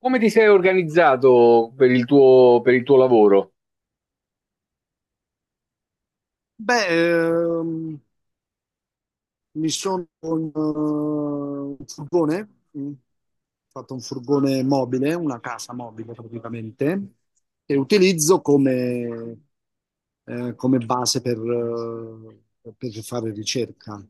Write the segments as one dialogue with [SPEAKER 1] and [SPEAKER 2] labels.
[SPEAKER 1] Come ti sei organizzato per il tuo lavoro?
[SPEAKER 2] Beh, mi sono un furgone, mm, fatto un furgone mobile, una casa mobile praticamente, che utilizzo come, come base per fare ricerca.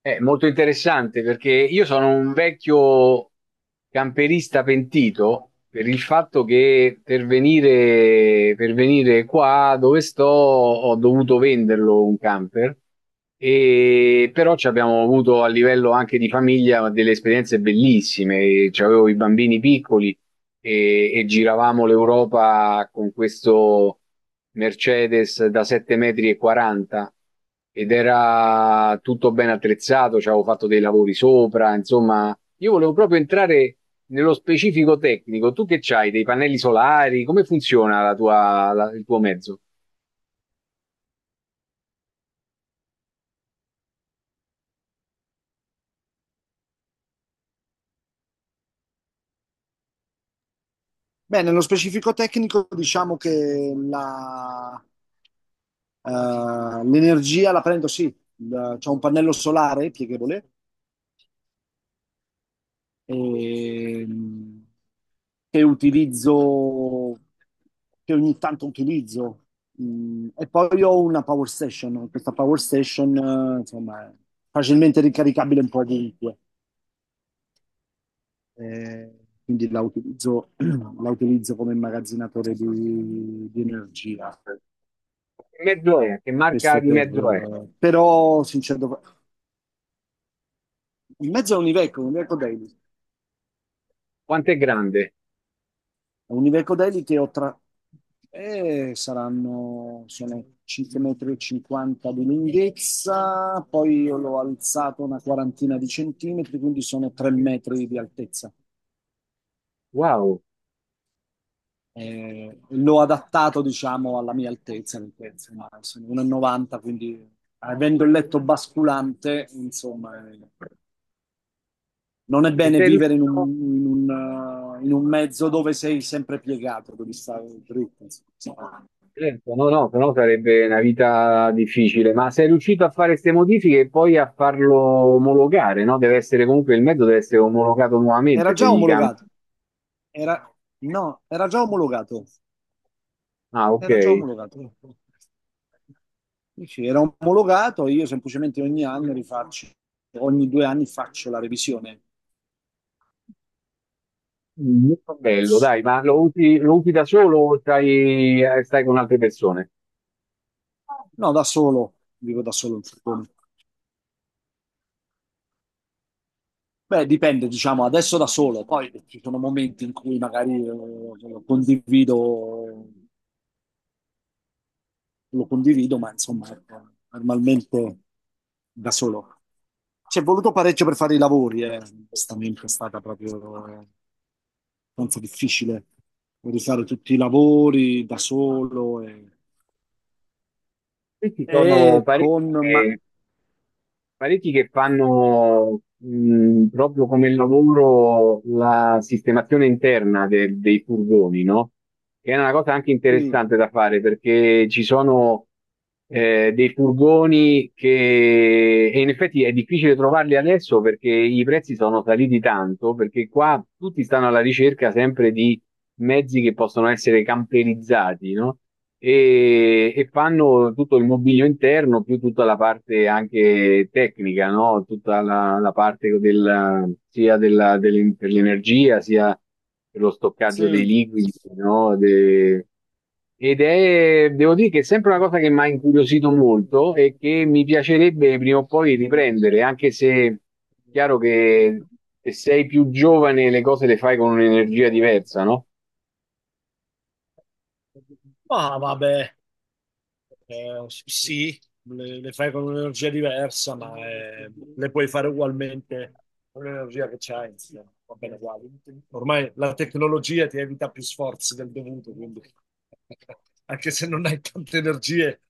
[SPEAKER 1] È molto interessante perché io sono un vecchio camperista pentito per il fatto che per venire qua dove sto ho dovuto venderlo un camper, e, però ci abbiamo avuto a livello anche di famiglia delle esperienze bellissime. C'avevo i bambini piccoli e giravamo l'Europa con questo Mercedes da 7,40 metri e 40, ed era tutto ben attrezzato, ci avevo fatto dei lavori sopra, insomma, io volevo proprio entrare nello specifico tecnico. Tu che c'hai, dei pannelli solari? Come funziona la tua- la- il tuo mezzo?
[SPEAKER 2] Beh, nello specifico tecnico diciamo che la, eh, l'energia la prendo, sì, da- c'è un pannello solare pieghevole, ehm, che utilizzo, che ogni tanto utilizzo. E poi ho una power station, questa power station, insomma, è facilmente ricaricabile un po' ovunque. Eh, quindi la utilizzo, la utilizzo come immagazzinatore di energia.
[SPEAKER 1] Che mezzo è? Che marca
[SPEAKER 2] Questo
[SPEAKER 1] di
[SPEAKER 2] per,
[SPEAKER 1] mezzo è?
[SPEAKER 2] però, sincero, in mezzo a un Iveco Daily.
[SPEAKER 1] Quanto è grande?
[SPEAKER 2] Univecodelli che ho tra... saranno, sono 5,50 m di lunghezza, poi io l'ho alzato una quarantina di centimetri, quindi sono 3 metri di altezza.
[SPEAKER 1] Wow!
[SPEAKER 2] L'ho adattato, diciamo, alla mia altezza, perché insomma, sono 1,90, quindi avendo il letto basculante, insomma, non è
[SPEAKER 1] E
[SPEAKER 2] bene
[SPEAKER 1] sei
[SPEAKER 2] vivere in
[SPEAKER 1] riuscito,
[SPEAKER 2] un, in un mezzo dove sei sempre piegato, devi stare dritto, insomma.
[SPEAKER 1] certo, no, no, però sarebbe una vita difficile. Ma sei riuscito a fare queste modifiche e poi a farlo omologare, no? Deve essere comunque il mezzo deve essere omologato
[SPEAKER 2] Era
[SPEAKER 1] nuovamente se
[SPEAKER 2] già
[SPEAKER 1] gli cambi.
[SPEAKER 2] omologato. Era, no, era già omologato.
[SPEAKER 1] Ah, ok.
[SPEAKER 2] Era già omologato. Sì, sì, era omologato, io semplicemente ogni anno rifaccio, ogni 2 anni faccio la revisione.
[SPEAKER 1] Molto bello, dai, ma lo usi da solo o stai, stai con altre persone?
[SPEAKER 2] No, da solo, dico da solo, suppongo. Beh, dipende, diciamo, adesso da solo, poi ci sono momenti in cui magari lo condivido, lo condivido, ma insomma, ecco, normalmente da solo. Ci è voluto parecchio per fare i lavori, eh. Onestamente è stata proprio abbastanza difficile rifare tutti i lavori da solo
[SPEAKER 1] Qui ci sono
[SPEAKER 2] Ma,
[SPEAKER 1] parecchie. Parecchi che fanno proprio come lavoro la sistemazione interna de- dei furgoni, no? Che è una cosa anche
[SPEAKER 2] sì,
[SPEAKER 1] interessante da fare perché ci sono dei furgoni che e in effetti è difficile trovarli adesso perché i prezzi sono saliti tanto, perché qua tutti stanno alla ricerca sempre di mezzi che possono essere camperizzati, no? E, e fanno tutto il mobilio interno più tutta la parte anche tecnica, no? Tutta la, la parte del, sia della, del- per l'energia sia per lo stoccaggio dei
[SPEAKER 2] sì.
[SPEAKER 1] liquidi, no? De- ed è, devo dire che è sempre una cosa che mi ha incuriosito molto e che mi piacerebbe prima o poi riprendere, anche se chiaro che se sei più giovane le cose le fai con un'energia diversa, no?
[SPEAKER 2] Ah, vabbè. Sì, le fai con un'energia diversa, ma le puoi fare ugualmente con l'energia che c'hai, insomma, va bene uguale. Ormai la tecnologia ti evita più sforzi del dovuto, quindi anche se non hai tante energie,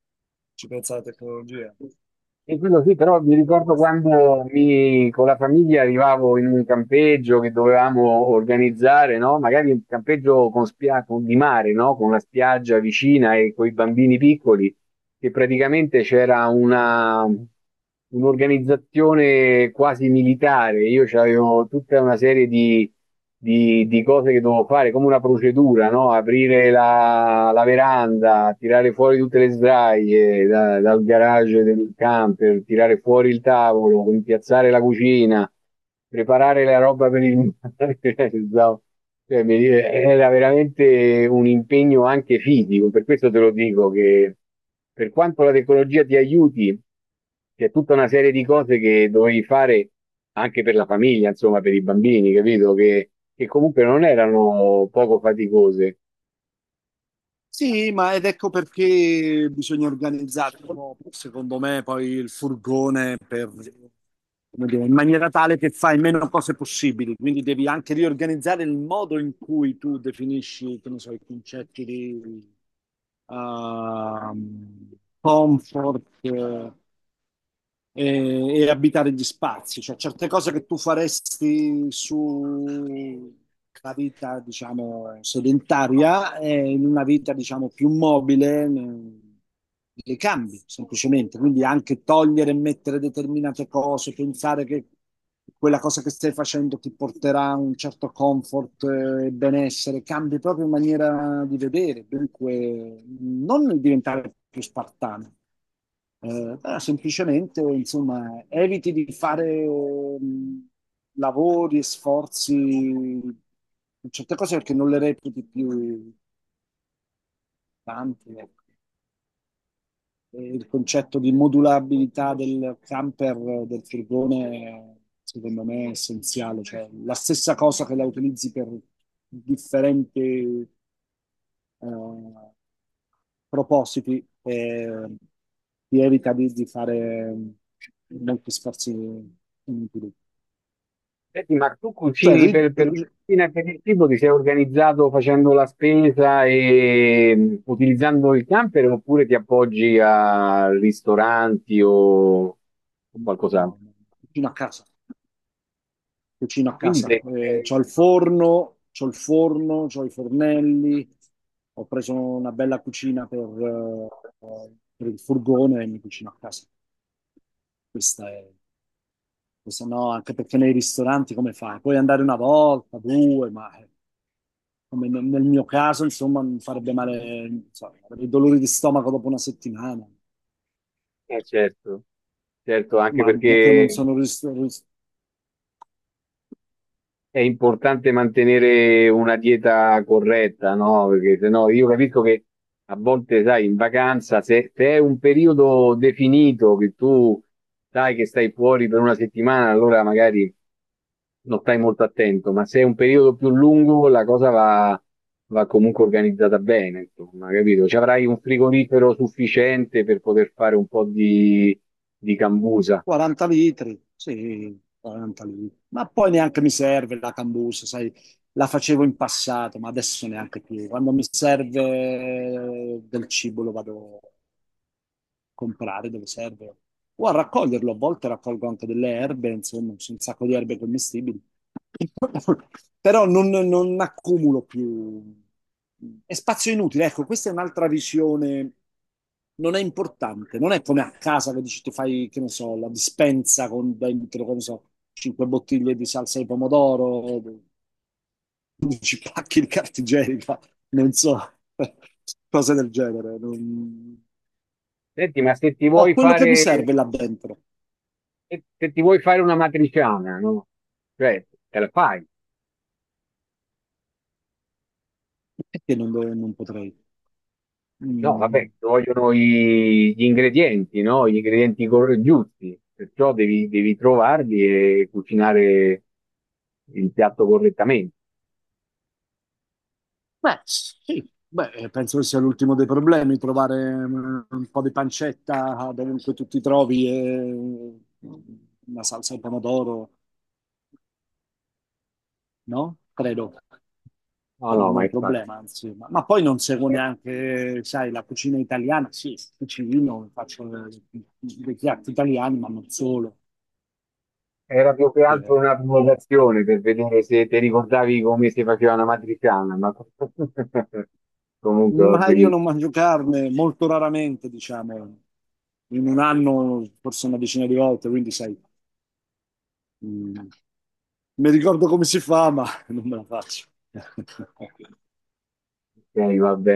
[SPEAKER 2] ci pensa la tecnologia.
[SPEAKER 1] E quello sì, però mi ricordo quando mi, con la famiglia arrivavo in un campeggio che dovevamo organizzare, no? Magari un campeggio con spia- con- di mare, no? Con la spiaggia vicina e con i bambini piccoli che praticamente c'era una, un'organizzazione quasi militare, io avevo tutta una serie di cose che dovevo fare, come una procedura, no? Aprire la, la veranda, tirare fuori tutte le sdraie da- dal garage del camper, tirare fuori il tavolo, impiazzare la cucina, preparare la roba per il mare. Pensavo- Cioè, mi- era veramente un impegno anche fisico, per questo te lo dico che per quanto la tecnologia ti aiuti, c'è tutta una serie di cose che dovevi fare anche per la famiglia, insomma, per i bambini, capito? Che comunque non erano poco faticose.
[SPEAKER 2] Sì, ma ed ecco perché bisogna organizzare un po', secondo me, poi il furgone per, come dire, in maniera tale che fai meno cose possibili. Quindi devi anche riorganizzare il modo in cui tu definisci, che ne so, i concetti di ehm, comfort, e, e abitare gli spazi, cioè certe cose che tu faresti su una vita, diciamo, sedentaria, in una vita, diciamo, più mobile, le cambi semplicemente. Quindi anche togliere e mettere determinate cose, pensare che quella cosa che stai facendo ti porterà un certo comfort e benessere, cambi proprio maniera di vedere, dunque non diventare più spartano. Semplicemente, insomma, eviti di fare lavori e sforzi in certe cose perché non le reputi più tante, ecco. E il concetto di modulabilità del camper, del furgone, secondo me è essenziale. Cioè, la stessa cosa che la utilizzi per differenti eh, propositi e ti evita di fare molti sforzi inutili.
[SPEAKER 1] Senti, ma tu
[SPEAKER 2] Cioè,
[SPEAKER 1] cucini
[SPEAKER 2] ri-
[SPEAKER 1] per la
[SPEAKER 2] ri-
[SPEAKER 1] cucina e per il cibo, ti sei organizzato facendo la spesa e mm, utilizzando il camper oppure ti appoggi a ristoranti o qualcos'altro?
[SPEAKER 2] no, no, cucino a casa, cucino a
[SPEAKER 1] Quindi
[SPEAKER 2] casa.
[SPEAKER 1] te,
[SPEAKER 2] C'ho il forno, c'ho il forno, c'ho i fornelli, ho preso una bella cucina per il furgone e mi cucino a casa. Questa è, questa no, anche perché nei ristoranti come fai? Puoi andare una volta, due, ma... come nel mio caso, insomma, mi farebbe male, non so, avrei dolori di stomaco dopo una settimana.
[SPEAKER 1] certo, certo, anche
[SPEAKER 2] Mamma che non
[SPEAKER 1] perché
[SPEAKER 2] sono
[SPEAKER 1] è importante mantenere una dieta corretta, no? Perché se no io capisco che a volte, sai, in vacanza, se, se è un periodo definito che tu sai che stai fuori per 1 settimana, allora magari non stai molto attento, ma se è un periodo più lungo, la cosa va, va comunque organizzata bene, insomma, capito? Ci avrai un frigorifero sufficiente per poter fare un po' di cambusa.
[SPEAKER 2] 40 litri, sì, 40 litri. Ma poi neanche mi serve la cambusa, sai, la facevo in passato, ma adesso neanche più. Quando mi serve del cibo lo vado comprare dove serve o a raccoglierlo. A volte raccolgo anche delle erbe, insomma, c'è un sacco di erbe commestibili. Però non, non accumulo più. È spazio inutile. Ecco, questa è un'altra visione. Non è importante, non è come a casa che dici ti fai, che ne so, la dispensa con dentro, che ne so, cinque bottiglie di salsa di pomodoro, 15 pacchi di carta igienica, non so, cose del genere.
[SPEAKER 1] Senti, ma se ti
[SPEAKER 2] Ho
[SPEAKER 1] vuoi
[SPEAKER 2] quello che
[SPEAKER 1] fare
[SPEAKER 2] mi serve là dentro.
[SPEAKER 1] se, se ti vuoi fare una matriciana, no? Cioè, te la fai.
[SPEAKER 2] Perché non, dove- non potrei?
[SPEAKER 1] No, vabbè,
[SPEAKER 2] Mm,
[SPEAKER 1] ci vogliono i- gli ingredienti, no? Gli ingredienti cor- giusti, perciò devi, devi trovarli e cucinare il piatto correttamente.
[SPEAKER 2] Beh, sì, beh, penso che sia l'ultimo dei problemi, trovare un po' di pancetta dovunque tu ti trovi e una salsa al pomodoro, no? Credo.
[SPEAKER 1] No,
[SPEAKER 2] Però
[SPEAKER 1] no,
[SPEAKER 2] non è
[SPEAKER 1] ma
[SPEAKER 2] un
[SPEAKER 1] infatti
[SPEAKER 2] problema, anzi. Ma poi non seguo
[SPEAKER 1] eh,
[SPEAKER 2] neanche, sai, la cucina italiana. Sì, cucino, faccio dei piatti italiani, ma non solo.
[SPEAKER 1] era più che
[SPEAKER 2] Che
[SPEAKER 1] altro una provocazione per vedere se ti ricordavi come si faceva una matriciana, ma comunque va
[SPEAKER 2] Ma io
[SPEAKER 1] benissimo.
[SPEAKER 2] non mangio carne molto raramente, diciamo, in un anno forse una decina di volte, quindi sai, mh, mi ricordo come si fa, ma non me la faccio.
[SPEAKER 1] Ok, va bene.